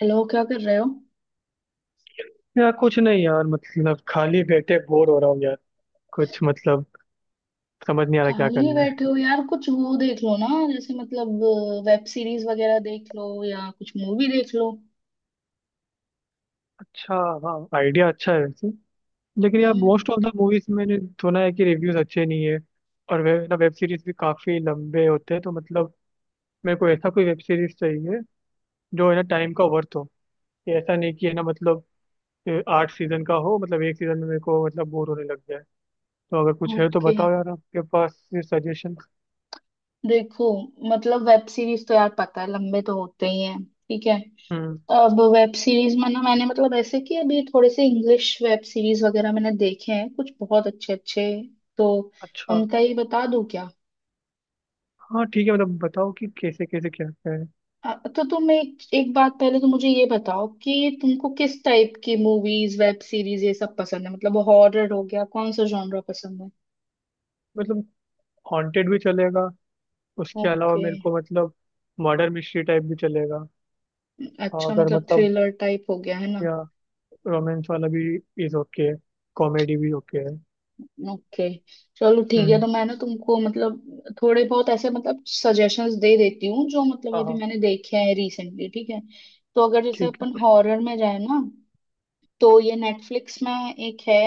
Hello, क्या कर रहे हो। यार, कुछ नहीं यार। मतलब खाली बैठे बोर हो रहा हूँ यार। कुछ, मतलब समझ नहीं आ रहा क्या खाली करना है। बैठे हो यार, कुछ वो देख लो ना। जैसे मतलब, वेब सीरीज वगैरह देख लो या कुछ मूवी देख लो। अच्छा। हाँ, आइडिया अच्छा है वैसे। लेकिन यार हम्म। मोस्ट ऑफ द मूवीज मैंने सुना है कि रिव्यूज अच्छे नहीं है। और वे ना, वेब सीरीज भी काफी लंबे होते हैं, तो मतलब मेरे को ऐसा कोई वेब सीरीज चाहिए जो है ना टाइम का वर्थ हो। कि ऐसा नहीं कि है ना, मतलब आठ सीजन का हो, मतलब एक सीजन में मेरे को मतलब बोर होने लग जाए। तो अगर कुछ है तो ओके। बताओ यार आपके पास सजेशन। देखो, मतलब वेब सीरीज तो यार पता है, लंबे तो होते ही हैं, ठीक है। हम्म। अब वेब सीरीज में ना, मैंने मतलब ऐसे कि अभी थोड़े से इंग्लिश वेब सीरीज वगैरह मैंने देखे हैं, कुछ बहुत अच्छे अच्छे। तो अच्छा। उनका ही बता दूं क्या। हाँ, ठीक है, मतलब बताओ कि कैसे कैसे क्या क्या है। तो तुम एक एक बात पहले तो मुझे ये बताओ कि तुमको किस टाइप की मूवीज, वेब सीरीज ये सब पसंद है। मतलब हॉरर हो गया, कौन सा जॉनरा पसंद है। मतलब हॉन्टेड भी चलेगा, उसके अलावा ओके। मेरे को मतलब मर्डर मिस्ट्री टाइप भी चलेगा। और अच्छा, अगर मतलब मतलब, थ्रिलर टाइप हो गया है ना। या रोमांस वाला भी इज ओके है, कॉमेडी भी ओके है। ओके, चलो ठीक है, हम्म। तो मैं ना तुमको मतलब थोड़े बहुत ऐसे मतलब सजेशंस दे देती हूँ, जो मतलब हाँ अभी हाँ, मैंने देखे हैं रिसेंटली, ठीक है। तो अगर जैसे ठीक है। अपन हॉरर में जाए ना, तो ये नेटफ्लिक्स में एक है,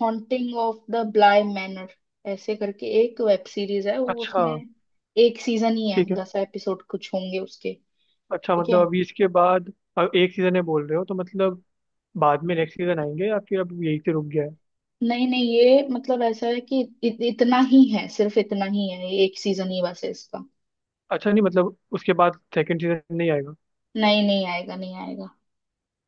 haunting of the Bly manor ऐसे करके एक वेब सीरीज है वो, अच्छा। उसमें एक सीजन ही है, ठीक है। 10 एपिसोड कुछ होंगे उसके। अच्छा, ठीक है। मतलब अभी इसके बाद अब एक सीजन है बोल रहे हो, तो मतलब बाद में नेक्स्ट सीजन आएंगे, या फिर अब यही से रुक गया है। नहीं नहीं, ये मतलब ऐसा है कि इतना ही है, सिर्फ इतना ही है, ये एक सीजन ही बस है इसका। अच्छा, नहीं मतलब उसके बाद सेकंड सीजन नहीं आएगा। नहीं, नहीं आएगा, नहीं आएगा।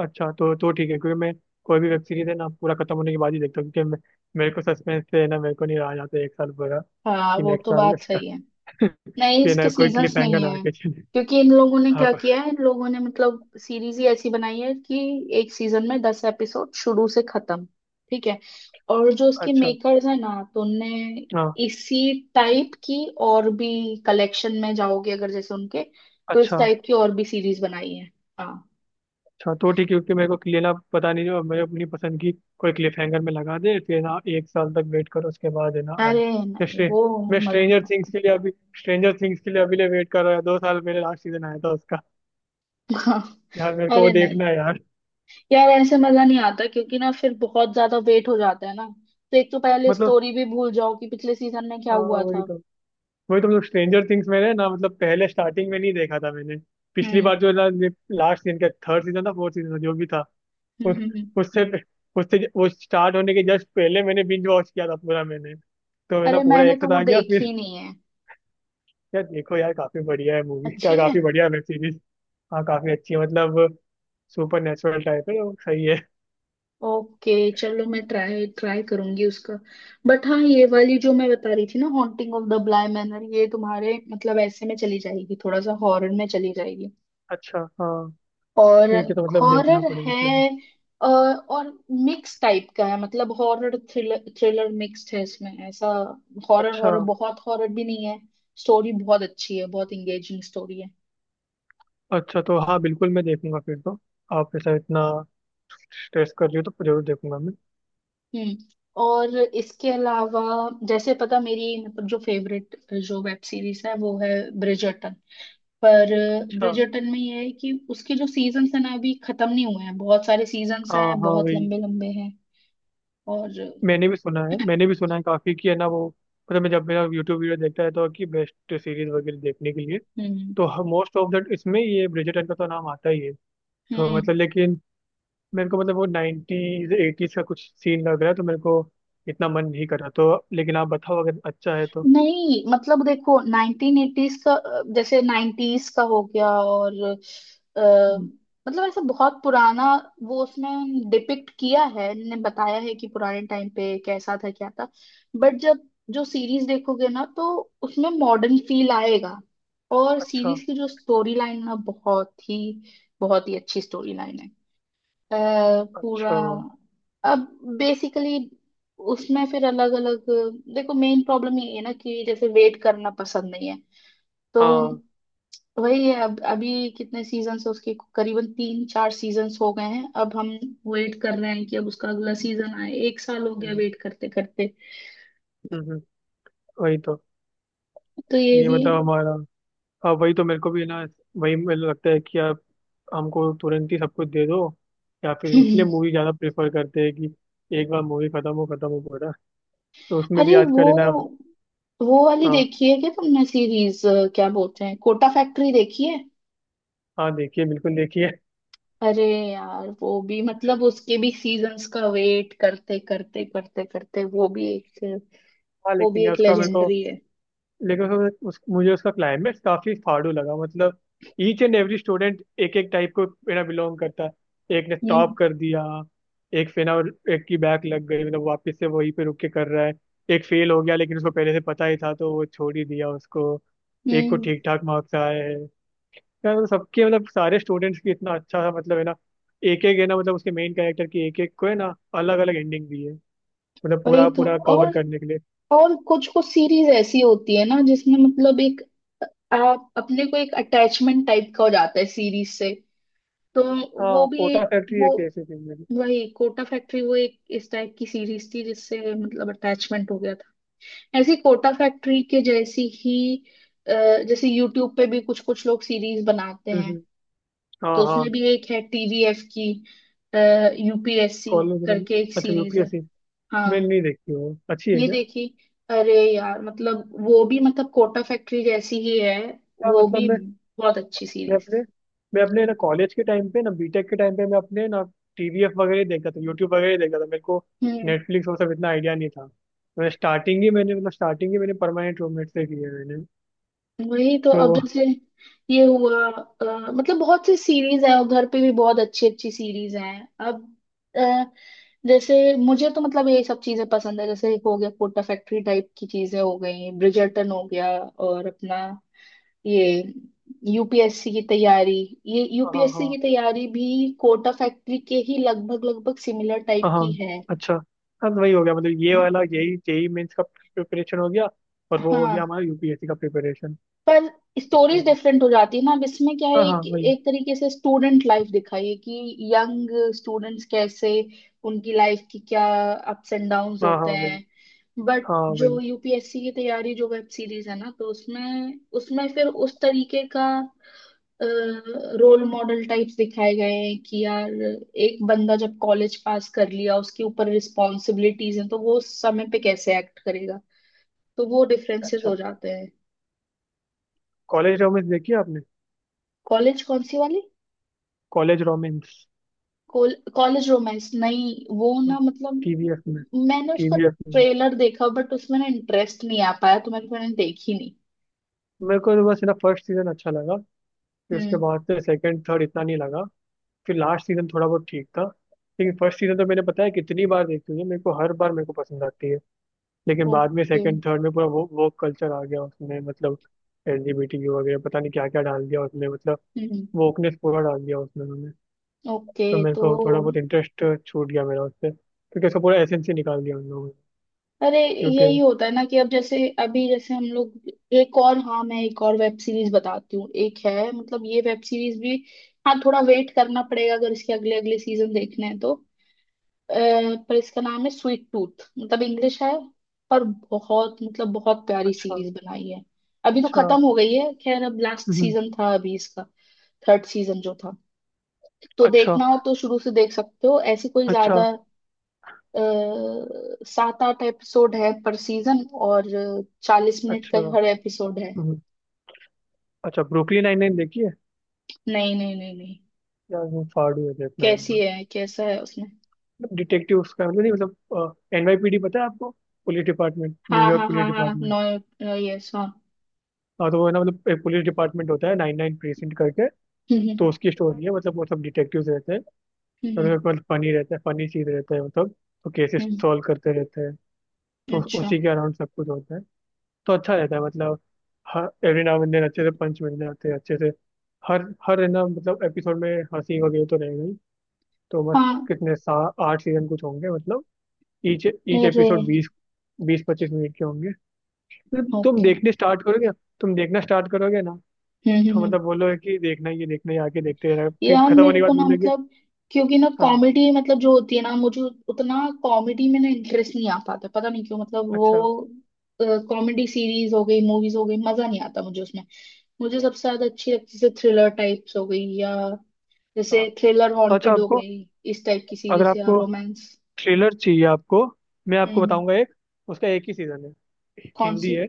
अच्छा, तो ठीक है, क्योंकि मैं कोई भी वेब सीरीज है ना पूरा खत्म होने के बाद ही देखता हूँ, क्योंकि मैं, मेरे को सस्पेंस से है ना, मेरे को नहीं रहा जाता एक साल पूरा हाँ, कि वो नेक्स्ट तो साल बात इसका। सही है। नहीं, बिना इसके कोई क्लिप सीजन्स हैंगर नहीं लगा है। के चले। क्योंकि इन लोगों ने हाँ क्या किया है, इन लोगों ने मतलब सीरीज ही ऐसी बनाई है कि एक सीजन में 10 एपिसोड शुरू से खत्म। ठीक है। और जो उसके अच्छा। मेकर्स हैं ना, तो उनने हाँ। इसी टाइप की और भी, कलेक्शन में जाओगे अगर जैसे उनके, तो इस अच्छा। टाइप की और भी सीरीज बनाई है। हाँ। अच्छा, तो ठीक है, क्योंकि मेरे को क्लियर ना, पता नहीं जो मैं अपनी पसंद की कोई क्लिप हैंगर में लगा दे, फिर ना एक साल तक वेट करो उसके बाद है ना आए। अरे मैं नहीं, स्ट्रे- वो मैं मजा स्ट्रेंजर थिंग्स नहीं के लिए अभी स्ट्रेंजर थिंग्स के लिए अभी लिए वेट कर रहा है, 2 साल मेरे लास्ट सीजन आया था उसका। आता। यार मेरे हाँ, को वो अरे नहीं। देखना है यार। यार, ऐसे मजा नहीं आता, क्योंकि ना फिर बहुत ज्यादा वेट हो जाता है ना। तो एक तो पहले मतलब, स्टोरी भी भूल जाओ कि पिछले सीजन में क्या हाँ हुआ वही था। तो। वही तो मतलब स्ट्रेंजर थिंग्स मैंने ना, मतलब पहले स्टार्टिंग में नहीं देखा था मैंने। पिछली हम्म, बार जो लास्ट सीजन का थर्ड सीजन था, फोर्थ सीजन था, जो भी था हम्म, उस हम्म, उससे उससे वो स्टार्ट होने के जस्ट पहले मैंने बिंज वॉच किया था पूरा, मैंने तो अरे, मतलब पूरा मैंने एक तो साथ वो आ गया फिर। देखी नहीं है। यार देखो यार काफी बढ़िया है मूवी का, अच्छी है। काफी बढ़िया वेब सीरीज। हाँ, काफी अच्छी है, मतलब सुपर नेचुरल टाइप है तो सही है। ओके, चलो मैं ट्राई ट्राई करूंगी उसका। बट हाँ, ये वाली जो मैं बता रही थी ना, haunting of the Bly manor, ये तुम्हारे मतलब ऐसे में चली जाएगी, थोड़ा सा हॉरर में चली जाएगी। अच्छा। हाँ, और ठीक है, तो मतलब देखना हॉरर पड़ेगा फिर। है। और मिक्स टाइप का है, मतलब हॉरर थ्रिलर, थ्रिलर मिक्स्ड है इसमें ऐसा। हॉरर, अच्छा। हॉरर बहुत हॉरर भी नहीं है। स्टोरी बहुत अच्छी है, बहुत इंगेजिंग स्टोरी है। अच्छा, तो हाँ बिल्कुल मैं देखूंगा फिर तो। आप ऐसा इतना स्ट्रेस कर रही हो तो जरूर देखूंगा मैं। हम्म। और इसके अलावा, जैसे पता, मेरी मतलब जो फेवरेट, जो वेब सीरीज है वो है ब्रिजर्टन। पर अच्छा। ब्रिजर्टन में ये है कि उसके जो सीजन्स हैं ना, अभी खत्म नहीं हुए हैं, बहुत सारे सीजन्स हाँ हैं, हाँ बहुत वही। लंबे लंबे हैं। और मैंने भी सुना है, मैंने भी सुना है काफी, कि है ना वो, मतलब मैं जब मेरा यूट्यूब वीडियो देखता रहता हूँ कि बेस्ट सीरीज वगैरह देखने के लिए, हम्म, तो मोस्ट ऑफ दैट इसमें ये ब्रिजर्टन का तो नाम आता ही है। तो मतलब हम्म। लेकिन मेरे को मतलब वो 90s 80s का कुछ सीन लग रहा है, तो मेरे को इतना मन नहीं कर रहा, तो लेकिन आप बताओ अगर अच्छा है तो। नहीं, मतलब देखो 1980s का, जैसे 90s का हो गया और अ, हम्म। मतलब ऐसा बहुत पुराना। वो उसमें डिपिक्ट किया है, ने बताया है कि पुराने टाइम पे कैसा था, क्या था। बट जब जो सीरीज देखोगे ना, तो उसमें मॉडर्न फील आएगा। और अच्छा। सीरीज की जो स्टोरी लाइन ना, बहुत ही अच्छी स्टोरी लाइन है। अ, पूरा अच्छा। अब बेसिकली उसमें फिर अलग अलग, देखो मेन प्रॉब्लम ये है ना कि जैसे वेट करना पसंद नहीं है। तो हाँ। वही है, अब अभी कितने सीजन्स है उसके, करीबन तीन चार सीजन्स हो गए हैं। अब हम वेट कर रहे हैं कि अब उसका अगला सीजन आए, एक साल हो गया हम्म, वेट करते करते। हम्म, हम्म, वही तो, तो ये ये भी। मतलब हमारा। हाँ वही तो मेरे को भी ना, वही मुझे लगता है कि यार हमको तुरंत ही सब कुछ दे दो, या फिर इसलिए मूवी ज़्यादा प्रेफर करते हैं कि एक बार मूवी खत्म हो, खत्म हो पूरा। तो उसमें भी अरे वो आजकल है ना। वो वाली हाँ। देखी है क्या तुमने सीरीज, क्या बोलते हैं, कोटा फैक्ट्री देखी है। हाँ, देखिए बिल्कुल देखिए। अरे यार, वो भी मतलब उसके भी सीजन्स का वेट करते करते करते करते, वो भी एक, हाँ वो भी लेकिन यार एक उसका मेरे को, लेजेंडरी है। लेकिन उसका मुझे उसका क्लाइमेक्स काफ़ी फाड़ू लगा मतलब। ईच एंड एवरी स्टूडेंट एक एक टाइप को मेरा बिलोंग करता है। एक ने टॉप हम्म, कर दिया, एक फेना, और एक की बैक लग गई, मतलब वापस से वहीं पे रुक के कर रहा है। एक फेल हो गया लेकिन उसको पहले से पता ही था, तो वो छोड़ ही दिया उसको। एक को हम्म, ठीक ठाक मार्क्स आए हैं। यार, मतलब सबके, मतलब सारे स्टूडेंट्स की इतना अच्छा सा, मतलब है ना, एक एक है ना, मतलब उसके मेन कैरेक्टर की एक एक को है ना अलग अलग एंडिंग दी है, मतलब वही पूरा तो। पूरा कवर और करने के लिए। और कुछ कुछ सीरीज ऐसी होती है ना, जिसमें मतलब एक, आप अपने को एक अटैचमेंट टाइप का हो जाता है सीरीज से। तो वो हाँ, भी कोटा एक, फैक्ट्री वो एक ऐसी थी मेरी। वही कोटा फैक्ट्री, वो एक इस टाइप की सीरीज थी जिससे मतलब अटैचमेंट हो गया था। ऐसी कोटा फैक्ट्री के जैसी ही। अ, जैसे यूट्यूब पे भी कुछ कुछ लोग सीरीज बनाते हैं। हम्म। तो हाँ हाँ। उसमें भी एक है टीवीएफ की, यूपीएससी कॉलेज में। करके एक अच्छा, सीरीज है। UPSC। हाँ। मैंने नहीं देखी, वो अच्छी है ये क्या? देखी। अरे यार, मतलब वो भी मतलब कोटा फैक्ट्री जैसी ही है, क्या वो मतलब, भी मैं बहुत अच्छी मैं सीरीज। अपने मैं अपने ना कॉलेज के टाइम पे ना, बीटेक के टाइम पे, मैं अपने ना TVF वगैरह ही देखा था, यूट्यूब वगैरह ही देखा था, मेरे को नेटफ्लिक्स वो सब इतना आइडिया नहीं था। मैंने स्टार्टिंग ही मैंने, मतलब स्टार्टिंग ही मैंने परमानेंट रूममेट से की है मैंने वही तो तो। अब जैसे ये हुआ, मतलब बहुत सी सीरीज है, और घर पे भी बहुत अच्छी अच्छी सीरीज हैं अब। अ, जैसे मुझे तो मतलब ये सब चीजें पसंद है, जैसे हो गया कोटा फैक्ट्री टाइप की चीजें, हो गई ब्रिजर्टन, हो गया और अपना ये यूपीएससी की तैयारी। ये हाँ यूपीएससी की हाँ तैयारी भी कोटा फैक्ट्री के ही लगभग लगभग सिमिलर टाइप हाँ। की है। अच्छा। हाँ, तो वही हो गया, मतलब ये वाला यही JEE मेंस का प्रिपरेशन हो गया, और वो हो गया हाँ, हमारा UPSC का प्रिपरेशन। पर स्टोरीज डिफरेंट हो जाती है ना, अब इसमें क्या है, हाँ हाँ एक वही। एक तरीके से स्टूडेंट लाइफ दिखाई है कि यंग स्टूडेंट्स कैसे, उनकी लाइफ की क्या अप्स एंड डाउन्स हाँ हाँ होते वही। हैं। बट हाँ जो वही। यूपीएससी की तैयारी, जो वेब सीरीज है ना, तो उसमें उसमें फिर उस तरीके का रोल मॉडल टाइप्स दिखाए गए हैं कि यार एक बंदा जब कॉलेज पास कर लिया, उसके ऊपर रिस्पॉन्सिबिलिटीज हैं, तो वो उस समय पे कैसे एक्ट करेगा। तो वो डिफरेंसेस अच्छा, हो जाते हैं। कॉलेज रोमेंस देखी आपने? कॉलेज कौन सी वाली। College romance. कॉलेज रोमांस, नहीं वो ना TVF में। मतलब, मैंने उसका TVF में। ट्रेलर देखा, बट उसमें ना इंटरेस्ट नहीं आ पाया, तो मैंने मैंने देखी नहीं। मेरे को तो बस ना फर्स्ट सीजन अच्छा लगा, फिर उसके हम्म। बाद से सेकंड थर्ड इतना नहीं लगा, फिर लास्ट सीजन थोड़ा बहुत ठीक था। लेकिन फर्स्ट सीजन तो मैंने, पता है, कितनी बार देखी हुई है, मेरे को हर बार मेरे को पसंद आती है। लेकिन बाद में ओके। सेकंड थर्ड में पूरा वो कल्चर आ गया उसमें, मतलब LGBTQ वगैरह पता नहीं क्या क्या डाल दिया उसने, मतलब हम्म। वोकनेस पूरा डाल दिया उसमें उन्होंने। ओके। तो मेरे तो, को थोड़ा बहुत इंटरेस्ट छूट गया मेरा उससे, क्योंकि उसका पूरा एसेंस ही निकाल दिया उन लोगों ने। अरे क्योंकि यही होता है ना कि अब जैसे अभी जैसे हम लोग, एक और, हाँ मैं एक और वेब सीरीज बताती हूँ, एक है मतलब ये वेब सीरीज भी। हाँ, थोड़ा वेट करना पड़ेगा अगर इसके अगले अगले सीजन देखने हैं तो। अ, पर इसका नाम है स्वीट टूथ, मतलब इंग्लिश है। पर बहुत मतलब बहुत प्यारी अच्छा, सीरीज बनाई है। अभी तो अच्छा। खत्म हो गई है, खैर अब लास्ट हम्म। सीजन था अभी इसका, थर्ड सीजन जो था। तो अच्छा, देखना हो तो शुरू से देख सकते हो, ऐसी कोई अच्छा, ज्यादा। सात आठ एपिसोड है पर सीजन, और 40 मिनट का अच्छा। हर एपिसोड है। हम्म। अच्छा, ब्रुकलिन 99 देखी है? नहीं, नहीं, नहीं, नहीं। यार वो फाड़ू है, देखना है एक कैसी बार। है, कैसा है उसमें। मतलब डिटेक्टिव उसका मतलब, नहीं मतलब NYPD, पता है आपको, पुलिस डिपार्टमेंट, हाँ, न्यूयॉर्क हाँ, पुलिस हाँ, हाँ, डिपार्टमेंट। नो, यस, हाँ। हाँ, तो वो है ना, मतलब एक पुलिस डिपार्टमेंट होता है 99 प्रीसिंट करके, हम्म, तो हम्म, उसकी स्टोरी है, मतलब वो सब डिटेक्टिव रहते हैं, और हम्म, उसमें मतलब फनी रहता है, फनी चीज रहता है मतलब, तो हम्म, केसेस हम्म, सॉल्व करते रहते हैं, तो अच्छा, उसी के अराउंड सब कुछ होता है। तो अच्छा रहता है, मतलब हर एवरी नाउ एंड देन अच्छे से पंच मिलने आते हैं अच्छे से। हर हर है ना, मतलब एपिसोड में हंसी वगैरह तो रहेगा ही, तो बस। हाँ, कितने सा 8 सीजन कुछ होंगे मतलब, ईच ईच अरे, एपिसोड 20-25 मिनट के होंगे। तो तुम ओके। देखने स्टार्ट करोगे, तुम देखना स्टार्ट करोगे ना, हम्म, हम्म, तो मतलब बोलोगे कि देखना ही है, देखना ही है, आगे देखते रहना, फिर यार, खत्म मेरे होने के को बाद ना बोलोगे। मतलब, क्योंकि ना हाँ। कॉमेडी मतलब जो होती है ना, मुझे उतना कॉमेडी में ना इंटरेस्ट नहीं आ पाता, पता नहीं क्यों, मतलब अच्छा, वो। कॉमेडी सीरीज हो गई, मूवीज हो गई, मजा नहीं आता मुझे उसमें। मुझे सबसे ज्यादा अच्छी लगती है थ्रिलर टाइप्स हो गई, या हाँ जैसे थ्रिलर, तो अच्छा हॉन्टेड हो आपको, गई इस टाइप की अगर सीरीज, या आपको रोमांस। थ्रिलर चाहिए आपको, मैं हम्म, आपको बताऊंगा एक, उसका एक ही सीजन है, कौन हिंदी सी। है।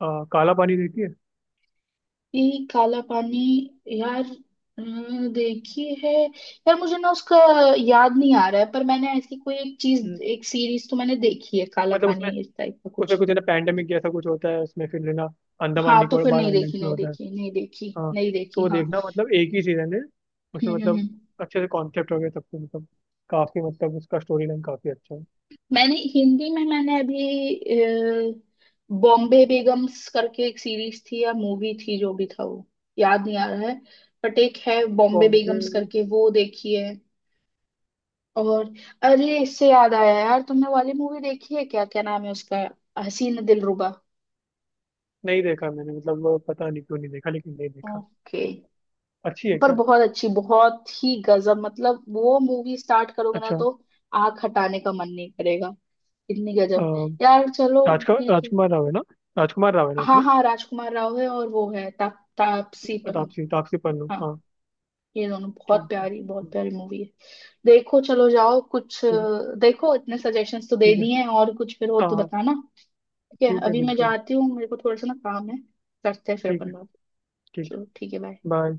अ, काला पानी देखिए। ये काला पानी। यार अ, देखी है। यार मुझे ना उसका याद नहीं आ रहा है, पर मैंने ऐसी कोई एक चीज, हम्म। एक सीरीज तो मैंने देखी है काला मतलब उसमें, पानी इस टाइप का उसमें कुछ। कुछ है ना पैंडेमिक जैसा कुछ होता है उसमें, फिर है ना, अंडमान हाँ, तो फिर निकोबार नहीं देखी, आइलैंड्स में नहीं होता है। देखी, नहीं देखी, हाँ, नहीं तो देखी, वो हाँ। देखना, मतलब एक ही सीजन है, हम्म, उसमें हम्म, मतलब अच्छे से कॉन्सेप्ट हो गया सब कुछ, मतलब काफी, मतलब उसका स्टोरी लाइन काफी अच्छा है। मैंने हिंदी में मैंने अभी बॉम्बे बेगम्स करके एक सीरीज थी या मूवी थी, जो भी था वो याद नहीं आ रहा है। बट एक है बॉम्बे बॉम्बे। बेगम्स करके, वो देखी है। और, अरे इससे याद आया, यार तुमने वाली मूवी देखी है क्या, क्या नाम है उसका, हसीन दिलरुबा। नहीं देखा मैंने, मतलब वो पता नहीं क्यों नहीं देखा, लेकिन नहीं देखा। ओके। अच्छी है पर क्या? बहुत अच्छी, बहुत ही गजब मतलब, वो मूवी स्टार्ट करोगे ना तो आंख हटाने का मन नहीं करेगा, इतनी गजब। यार चलो, अच्छा। राजकुमार ठीक है। राजकुमार राव है ना, राजकुमार राव है ना हाँ उसमें। हाँ, राजकुमार राव है, और वो है तापसी पन्नू। तापसी तापसी पन्नू। हाँ। हाँ। ये दोनों, ठीक है। बहुत हम्म। प्यारी मूवी है। देखो, चलो जाओ कुछ ठीक देखो, इतने सजेशंस तो दे ठीक है। दिए हैं, और कुछ फिर हो हाँ तो हाँ। बताना। ठीक है, ठीक है अभी मैं बिल्कुल। जाती हूँ, मेरे को थोड़ा सा ना काम है। करते हैं फिर ठीक अपन है। बात। ठीक चलो ठीक है, है। बाय। बाय।